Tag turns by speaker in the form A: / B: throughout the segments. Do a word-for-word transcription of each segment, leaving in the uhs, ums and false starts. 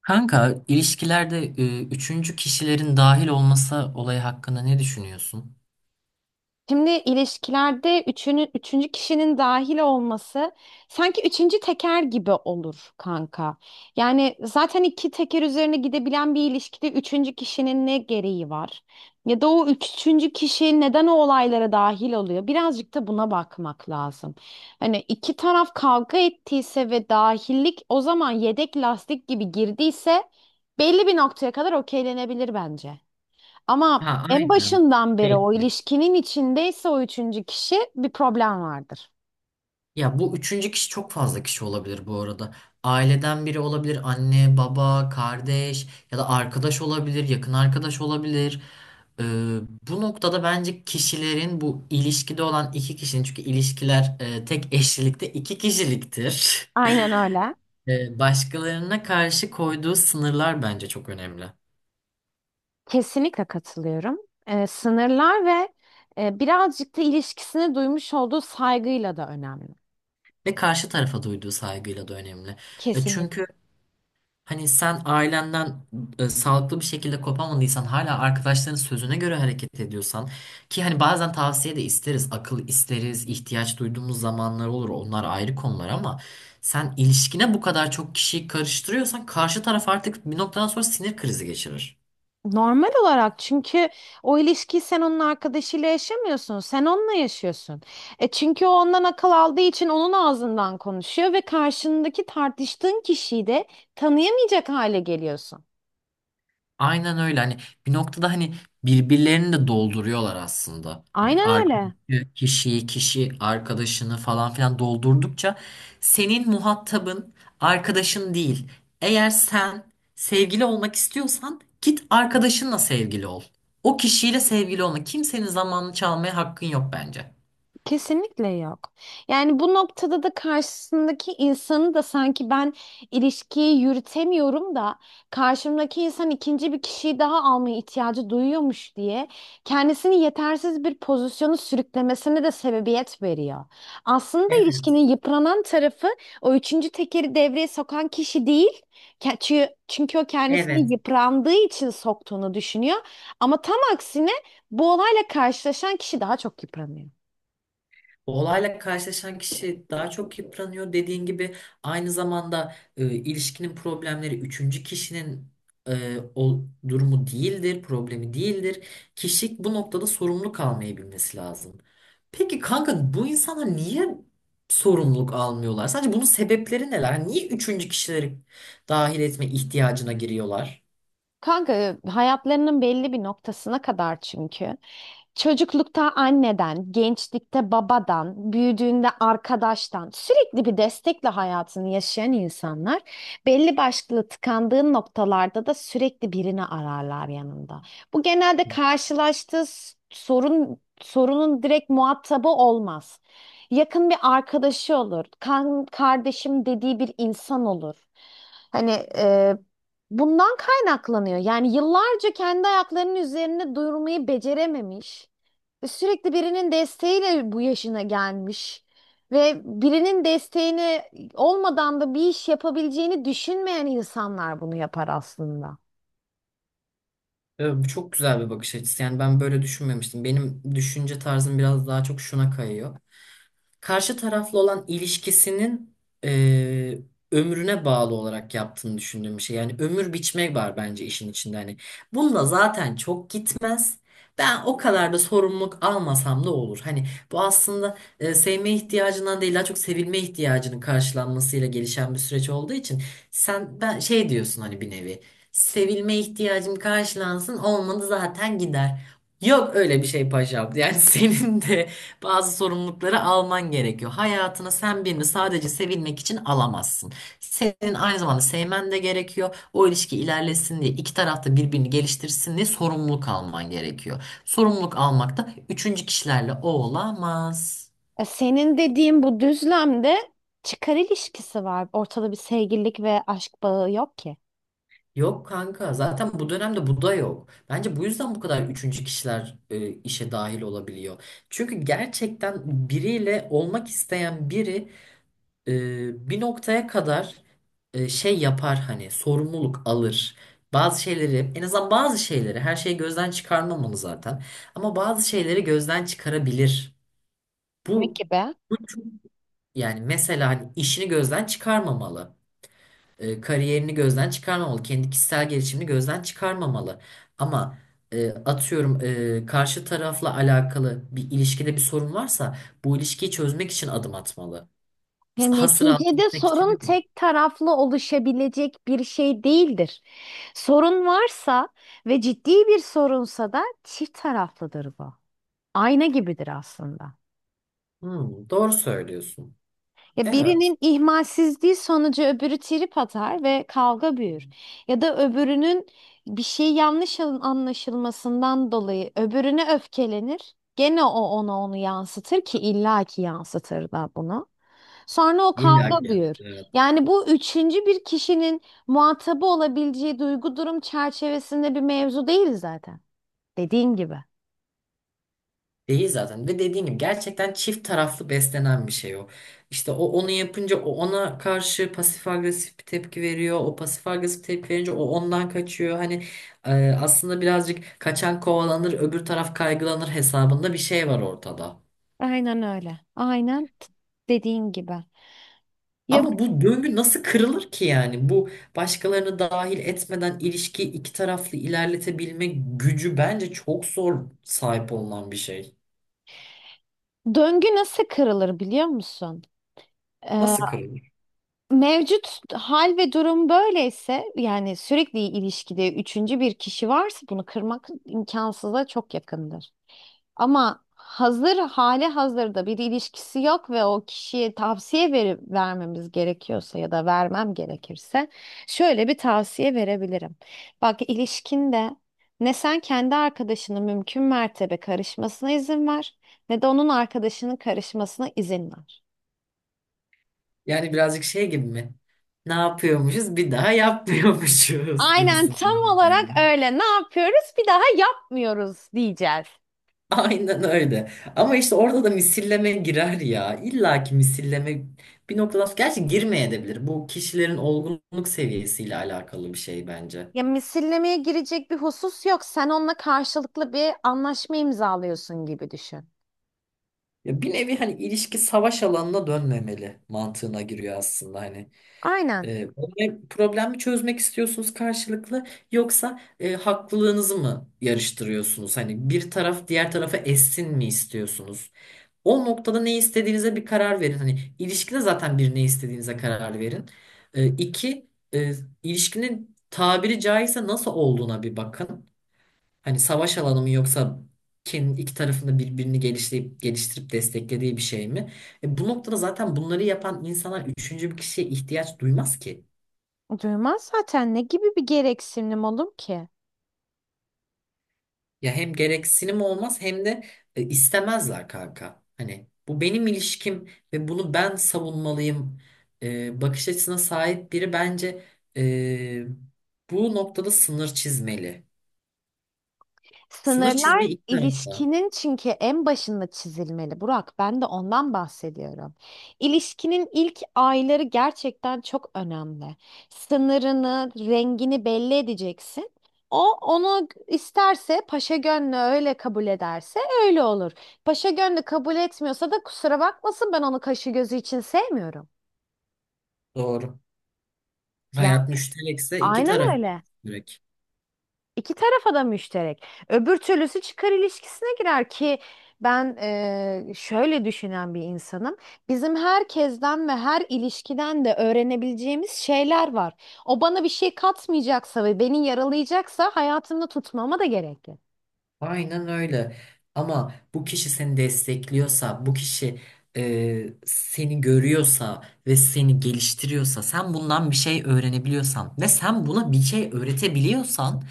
A: Kanka, ilişkilerde e, üçüncü kişilerin dahil olması olayı hakkında ne düşünüyorsun?
B: Şimdi ilişkilerde üçünü, üçüncü kişinin dahil olması sanki üçüncü teker gibi olur kanka. Yani zaten iki teker üzerine gidebilen bir ilişkide üçüncü kişinin ne gereği var? Ya da o üçüncü kişi neden o olaylara dahil oluyor? Birazcık da buna bakmak lazım. Hani iki taraf kavga ettiyse ve dahillik o zaman yedek lastik gibi girdiyse belli bir noktaya kadar okeylenebilir bence. Ama
A: Ha,
B: en
A: aynen.
B: başından beri o
A: Belki.
B: ilişkinin içindeyse o üçüncü kişi bir problem vardır.
A: Ya bu üçüncü kişi çok fazla kişi olabilir bu arada. Aileden biri olabilir, anne, baba, kardeş ya da arkadaş olabilir, yakın arkadaş olabilir. E, Bu noktada bence kişilerin bu ilişkide olan iki kişinin, çünkü ilişkiler e, tek eşlilikte iki kişiliktir.
B: Aynen öyle.
A: E, başkalarına karşı koyduğu sınırlar bence çok önemli.
B: Kesinlikle katılıyorum. Ee, sınırlar ve e, birazcık da ilişkisine duymuş olduğu saygıyla da önemli.
A: Ve karşı tarafa duyduğu saygıyla da önemli. E, Çünkü
B: Kesinlikle.
A: hani sen ailenden e, sağlıklı bir şekilde kopamadıysan, hala arkadaşların sözüne göre hareket ediyorsan, ki hani bazen tavsiye de isteriz, akıl isteriz, ihtiyaç duyduğumuz zamanlar olur. Onlar ayrı konular ama sen ilişkine bu kadar çok kişiyi karıştırıyorsan karşı taraf artık bir noktadan sonra sinir krizi geçirir.
B: Normal olarak çünkü o ilişkiyi sen onun arkadaşıyla yaşamıyorsun. Sen onunla yaşıyorsun. E çünkü o ondan akıl aldığı için onun ağzından konuşuyor ve karşındaki tartıştığın kişiyi de tanıyamayacak hale geliyorsun.
A: Aynen öyle. Hani bir noktada hani birbirlerini de dolduruyorlar aslında. Hani
B: Aynen öyle.
A: arkadaki kişiyi, kişi arkadaşını falan filan doldurdukça senin muhatabın arkadaşın değil. Eğer sen sevgili olmak istiyorsan git arkadaşınla sevgili ol. O kişiyle sevgili olma. Kimsenin zamanını çalmaya hakkın yok bence.
B: Kesinlikle yok. Yani bu noktada da karşısındaki insanı da sanki ben ilişkiyi yürütemiyorum da karşımdaki insan ikinci bir kişiyi daha almaya ihtiyacı duyuyormuş diye kendisini yetersiz bir pozisyonu sürüklemesine de sebebiyet veriyor. Aslında
A: Evet.
B: ilişkinin yıpranan tarafı o üçüncü tekeri devreye sokan kişi değil. Ke- Çünkü, çünkü o
A: Evet.
B: kendisini yıprandığı için soktuğunu düşünüyor. Ama tam aksine bu olayla karşılaşan kişi daha çok yıpranıyor.
A: Olayla karşılaşan kişi daha çok yıpranıyor. Dediğin gibi aynı zamanda e, ilişkinin problemleri üçüncü kişinin e, o durumu değildir, problemi değildir. Kişi bu noktada sorumlu kalmayı bilmesi lazım. Peki kanka bu insanlar niye sorumluluk almıyorlar? Sadece bunun sebepleri neler? Niye üçüncü kişileri dahil etme ihtiyacına giriyorlar?
B: Kanka hayatlarının belli bir noktasına kadar çünkü. Çocuklukta anneden, gençlikte babadan, büyüdüğünde arkadaştan sürekli bir destekle hayatını yaşayan insanlar belli başlı tıkandığı noktalarda da sürekli birini ararlar yanında. Bu genelde karşılaştığı s- sorun sorunun direkt muhatabı olmaz. Yakın bir arkadaşı olur, kan, kardeşim dediği bir insan olur. Hani bundan kaynaklanıyor. Yani yıllarca kendi ayaklarının üzerinde durmayı becerememiş ve sürekli birinin desteğiyle bu yaşına gelmiş ve birinin desteğini olmadan da bir iş yapabileceğini düşünmeyen insanlar bunu yapar aslında.
A: Evet, bu çok güzel bir bakış açısı. Yani ben böyle düşünmemiştim. Benim düşünce tarzım biraz daha çok şuna kayıyor: karşı taraflı olan ilişkisinin eee, ömrüne bağlı olarak yaptığını düşündüğüm bir şey. Yani ömür biçmek var bence işin içinde. Hani bununla zaten çok gitmez. Ben o kadar da sorumluluk almasam da olur. Hani bu aslında e, sevme ihtiyacından değil, daha çok sevilme ihtiyacının karşılanmasıyla gelişen bir süreç olduğu için sen ben şey diyorsun, hani bir nevi sevilme ihtiyacım karşılansın, olmadı zaten gider. Yok öyle bir şey paşam. Yani senin de bazı sorumlulukları alman gerekiyor. Hayatını sen birini sadece sevilmek için alamazsın. Senin aynı zamanda sevmen de gerekiyor. O ilişki ilerlesin diye, iki taraf da birbirini geliştirsin diye sorumluluk alman gerekiyor. Sorumluluk almak da üçüncü kişilerle o olamaz.
B: E, senin dediğin bu düzlemde çıkar ilişkisi var. Ortada bir sevgililik ve aşk bağı yok ki.
A: Yok kanka, zaten bu dönemde bu da yok. Bence bu yüzden bu kadar üçüncü kişiler e, işe dahil olabiliyor. Çünkü gerçekten biriyle olmak isteyen biri e, bir noktaya kadar e, şey yapar, hani sorumluluk alır. Bazı şeyleri, en azından bazı şeyleri, her şeyi gözden çıkarmamalı zaten. Ama bazı şeyleri gözden çıkarabilir.
B: Ne
A: Bu
B: gibi?
A: bu yani mesela hani işini gözden çıkarmamalı. E, kariyerini gözden çıkarmamalı. Kendi kişisel gelişimini gözden çıkarmamalı. Ama e, atıyorum, e, karşı tarafla alakalı bir ilişkide bir sorun varsa bu ilişkiyi çözmek için adım atmalı.
B: Ya
A: Hasır altı
B: neticede
A: etmek için
B: sorun
A: değil.
B: tek taraflı oluşabilecek bir şey değildir. Sorun varsa ve ciddi bir sorunsa da çift taraflıdır bu. Ayna gibidir aslında.
A: Hmm, doğru söylüyorsun.
B: Ya
A: Evet.
B: birinin ihmalsizliği sonucu öbürü trip atar ve kavga büyür. Ya da öbürünün bir şey yanlış an- anlaşılmasından dolayı öbürüne öfkelenir. Gene o ona onu yansıtır ki illaki yansıtır da bunu. Sonra o kavga
A: İlla ki.
B: buyur.
A: Evet.
B: Yani bu üçüncü bir kişinin muhatabı olabileceği duygu durum çerçevesinde bir mevzu değil zaten. Dediğin gibi.
A: Değil zaten. Ve dediğin gibi gerçekten çift taraflı beslenen bir şey o. İşte o onu yapınca o ona karşı pasif agresif bir tepki veriyor. O pasif agresif tepki verince o ondan kaçıyor. Hani e, aslında birazcık kaçan kovalanır, öbür taraf kaygılanır hesabında bir şey var ortada.
B: Aynen öyle. Aynen t- dediğin gibi. Ya
A: Ama bu döngü nasıl kırılır ki yani? Bu, başkalarını dahil etmeden ilişkiyi iki taraflı ilerletebilme gücü bence çok zor sahip olunan bir şey.
B: döngü nasıl kırılır biliyor musun? Ee,
A: Nasıl kırılır?
B: Mevcut hal ve durum böyleyse yani sürekli ilişkide üçüncü bir kişi varsa bunu kırmak imkansıza çok yakındır. Ama hazır hali hazırda bir ilişkisi yok ve o kişiye tavsiye verip vermemiz gerekiyorsa ya da vermem gerekirse şöyle bir tavsiye verebilirim. Bak ilişkinde ne sen kendi arkadaşının mümkün mertebe karışmasına izin ver ne de onun arkadaşının karışmasına izin ver.
A: Yani birazcık şey gibi mi? Ne yapıyormuşuz bir daha yapmıyormuşuz
B: Aynen
A: gibisin.
B: tam
A: Değil
B: olarak
A: mi?
B: öyle. Ne yapıyoruz? Bir daha yapmıyoruz diyeceğiz.
A: Aynen öyle. Ama işte orada da misilleme girer ya. İlla ki misilleme, bir noktadan sonra gerçi girmeyebilir. Bu kişilerin olgunluk seviyesiyle alakalı bir şey bence.
B: Ya misillemeye girecek bir husus yok. Sen onunla karşılıklı bir anlaşma imzalıyorsun gibi düşün.
A: Ya bir nevi hani ilişki savaş alanına dönmemeli mantığına giriyor aslında hani.
B: Aynen.
A: E, problem- problemi çözmek istiyorsunuz karşılıklı, yoksa e, haklılığınızı mı yarıştırıyorsunuz? Hani bir taraf diğer tarafa essin mi istiyorsunuz? O noktada ne istediğinize bir karar verin. Hani ilişkide zaten bir ne istediğinize karar verin. E, iki, e, ilişkinin tabiri caizse nasıl olduğuna bir bakın. Hani savaş alanı mı, yoksa kendi iki tarafında birbirini geliştirip, geliştirip desteklediği bir şey mi? E, bu noktada zaten bunları yapan insanlar üçüncü bir kişiye ihtiyaç duymaz ki.
B: Duymaz zaten, ne gibi bir gereksinim olur ki?
A: Ya hem gereksinim olmaz, hem de e, istemezler kanka. Hani bu benim ilişkim ve bunu ben savunmalıyım e, bakış açısına sahip biri bence e, bu noktada sınır çizmeli. Sınır
B: Sınırlar
A: çizmeyi iki tarafta.
B: ilişkinin çünkü en başında çizilmeli Burak. Ben de ondan bahsediyorum. İlişkinin ilk ayları gerçekten çok önemli. Sınırını, rengini belli edeceksin. O onu isterse paşa gönlü öyle kabul ederse öyle olur. Paşa gönlü kabul etmiyorsa da kusura bakmasın, ben onu kaşı gözü için sevmiyorum.
A: Doğru.
B: Yani
A: Hayat müşterekse iki
B: aynen
A: taraf için
B: öyle.
A: müşterek.
B: İki tarafa da müşterek. Öbür türlüsü çıkar ilişkisine girer ki ben eee, şöyle düşünen bir insanım. Bizim herkesten ve her ilişkiden de öğrenebileceğimiz şeyler var. O bana bir şey katmayacaksa ve beni yaralayacaksa hayatımda tutmama da gerek yok.
A: Aynen öyle. Ama bu kişi seni destekliyorsa, bu kişi e, seni görüyorsa ve seni geliştiriyorsa, sen bundan bir şey öğrenebiliyorsan ve sen buna bir şey öğretebiliyorsan,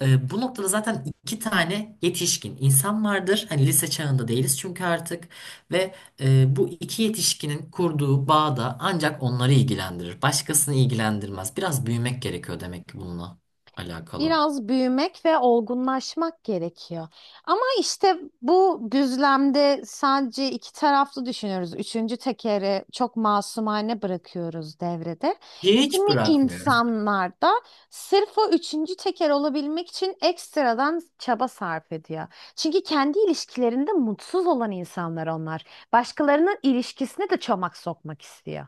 A: e, bu noktada zaten iki tane yetişkin insan vardır. Hani lise çağında değiliz çünkü artık. Ve e, bu iki yetişkinin kurduğu bağ da ancak onları ilgilendirir. Başkasını ilgilendirmez. Biraz büyümek gerekiyor demek ki bununla alakalı.
B: Biraz büyümek ve olgunlaşmak gerekiyor. Ama işte bu düzlemde sadece iki taraflı düşünüyoruz. Üçüncü tekeri çok masumane bırakıyoruz devrede.
A: Hiç
B: Kimi
A: bırakmıyorum.
B: insanlar da sırf o üçüncü teker olabilmek için ekstradan çaba sarf ediyor. Çünkü kendi ilişkilerinde mutsuz olan insanlar onlar. Başkalarının ilişkisine de çomak sokmak istiyor.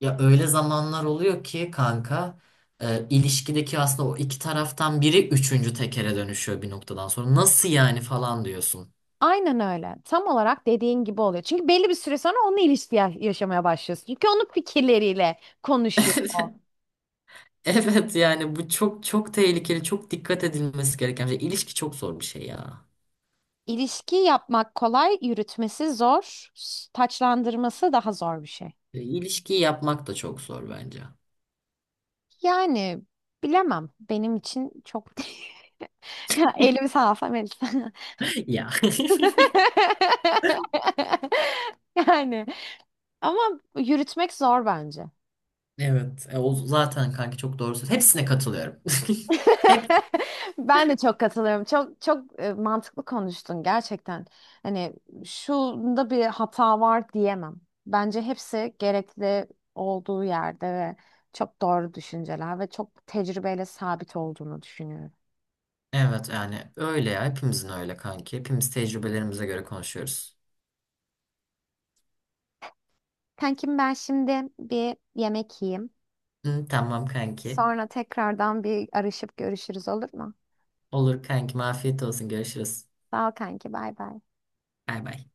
A: Ya öyle zamanlar oluyor ki kanka, e, ilişkideki aslında o iki taraftan biri üçüncü tekere dönüşüyor bir noktadan sonra. Nasıl yani falan diyorsun.
B: Aynen öyle. Tam olarak dediğin gibi oluyor. Çünkü belli bir süre sonra onunla ilişki ya- yaşamaya başlıyorsun. Çünkü onun fikirleriyle konuşuyor o.
A: Evet yani bu çok çok tehlikeli, çok dikkat edilmesi gereken bir şey. İlişki çok zor bir şey ya.
B: İlişki yapmak kolay, yürütmesi zor, s- taçlandırması daha zor bir şey.
A: E, İlişkiyi yapmak da çok zor bence.
B: Yani bilemem. Benim için çok... Ya elim sağ Melisa.
A: Ya.
B: Yani ama yürütmek zor bence.
A: Evet, e, o zaten kanka çok doğru söylüyorsun. Hepsine katılıyorum. Hep
B: Ben de çok katılıyorum. Çok çok e, mantıklı konuştun gerçekten. Hani şunda bir hata var diyemem. Bence hepsi gerekli olduğu yerde ve çok doğru düşünceler ve çok tecrübeyle sabit olduğunu düşünüyorum.
A: evet yani, öyle ya, hepimizin öyle kanki. Hepimiz tecrübelerimize göre konuşuyoruz.
B: Kankim ben şimdi bir yemek yiyeyim.
A: Hı, tamam kanki.
B: Sonra tekrardan bir arışıp görüşürüz olur mu?
A: Olur kankim, afiyet olsun, görüşürüz.
B: Sağ ol kanki bay bay.
A: Bay bay.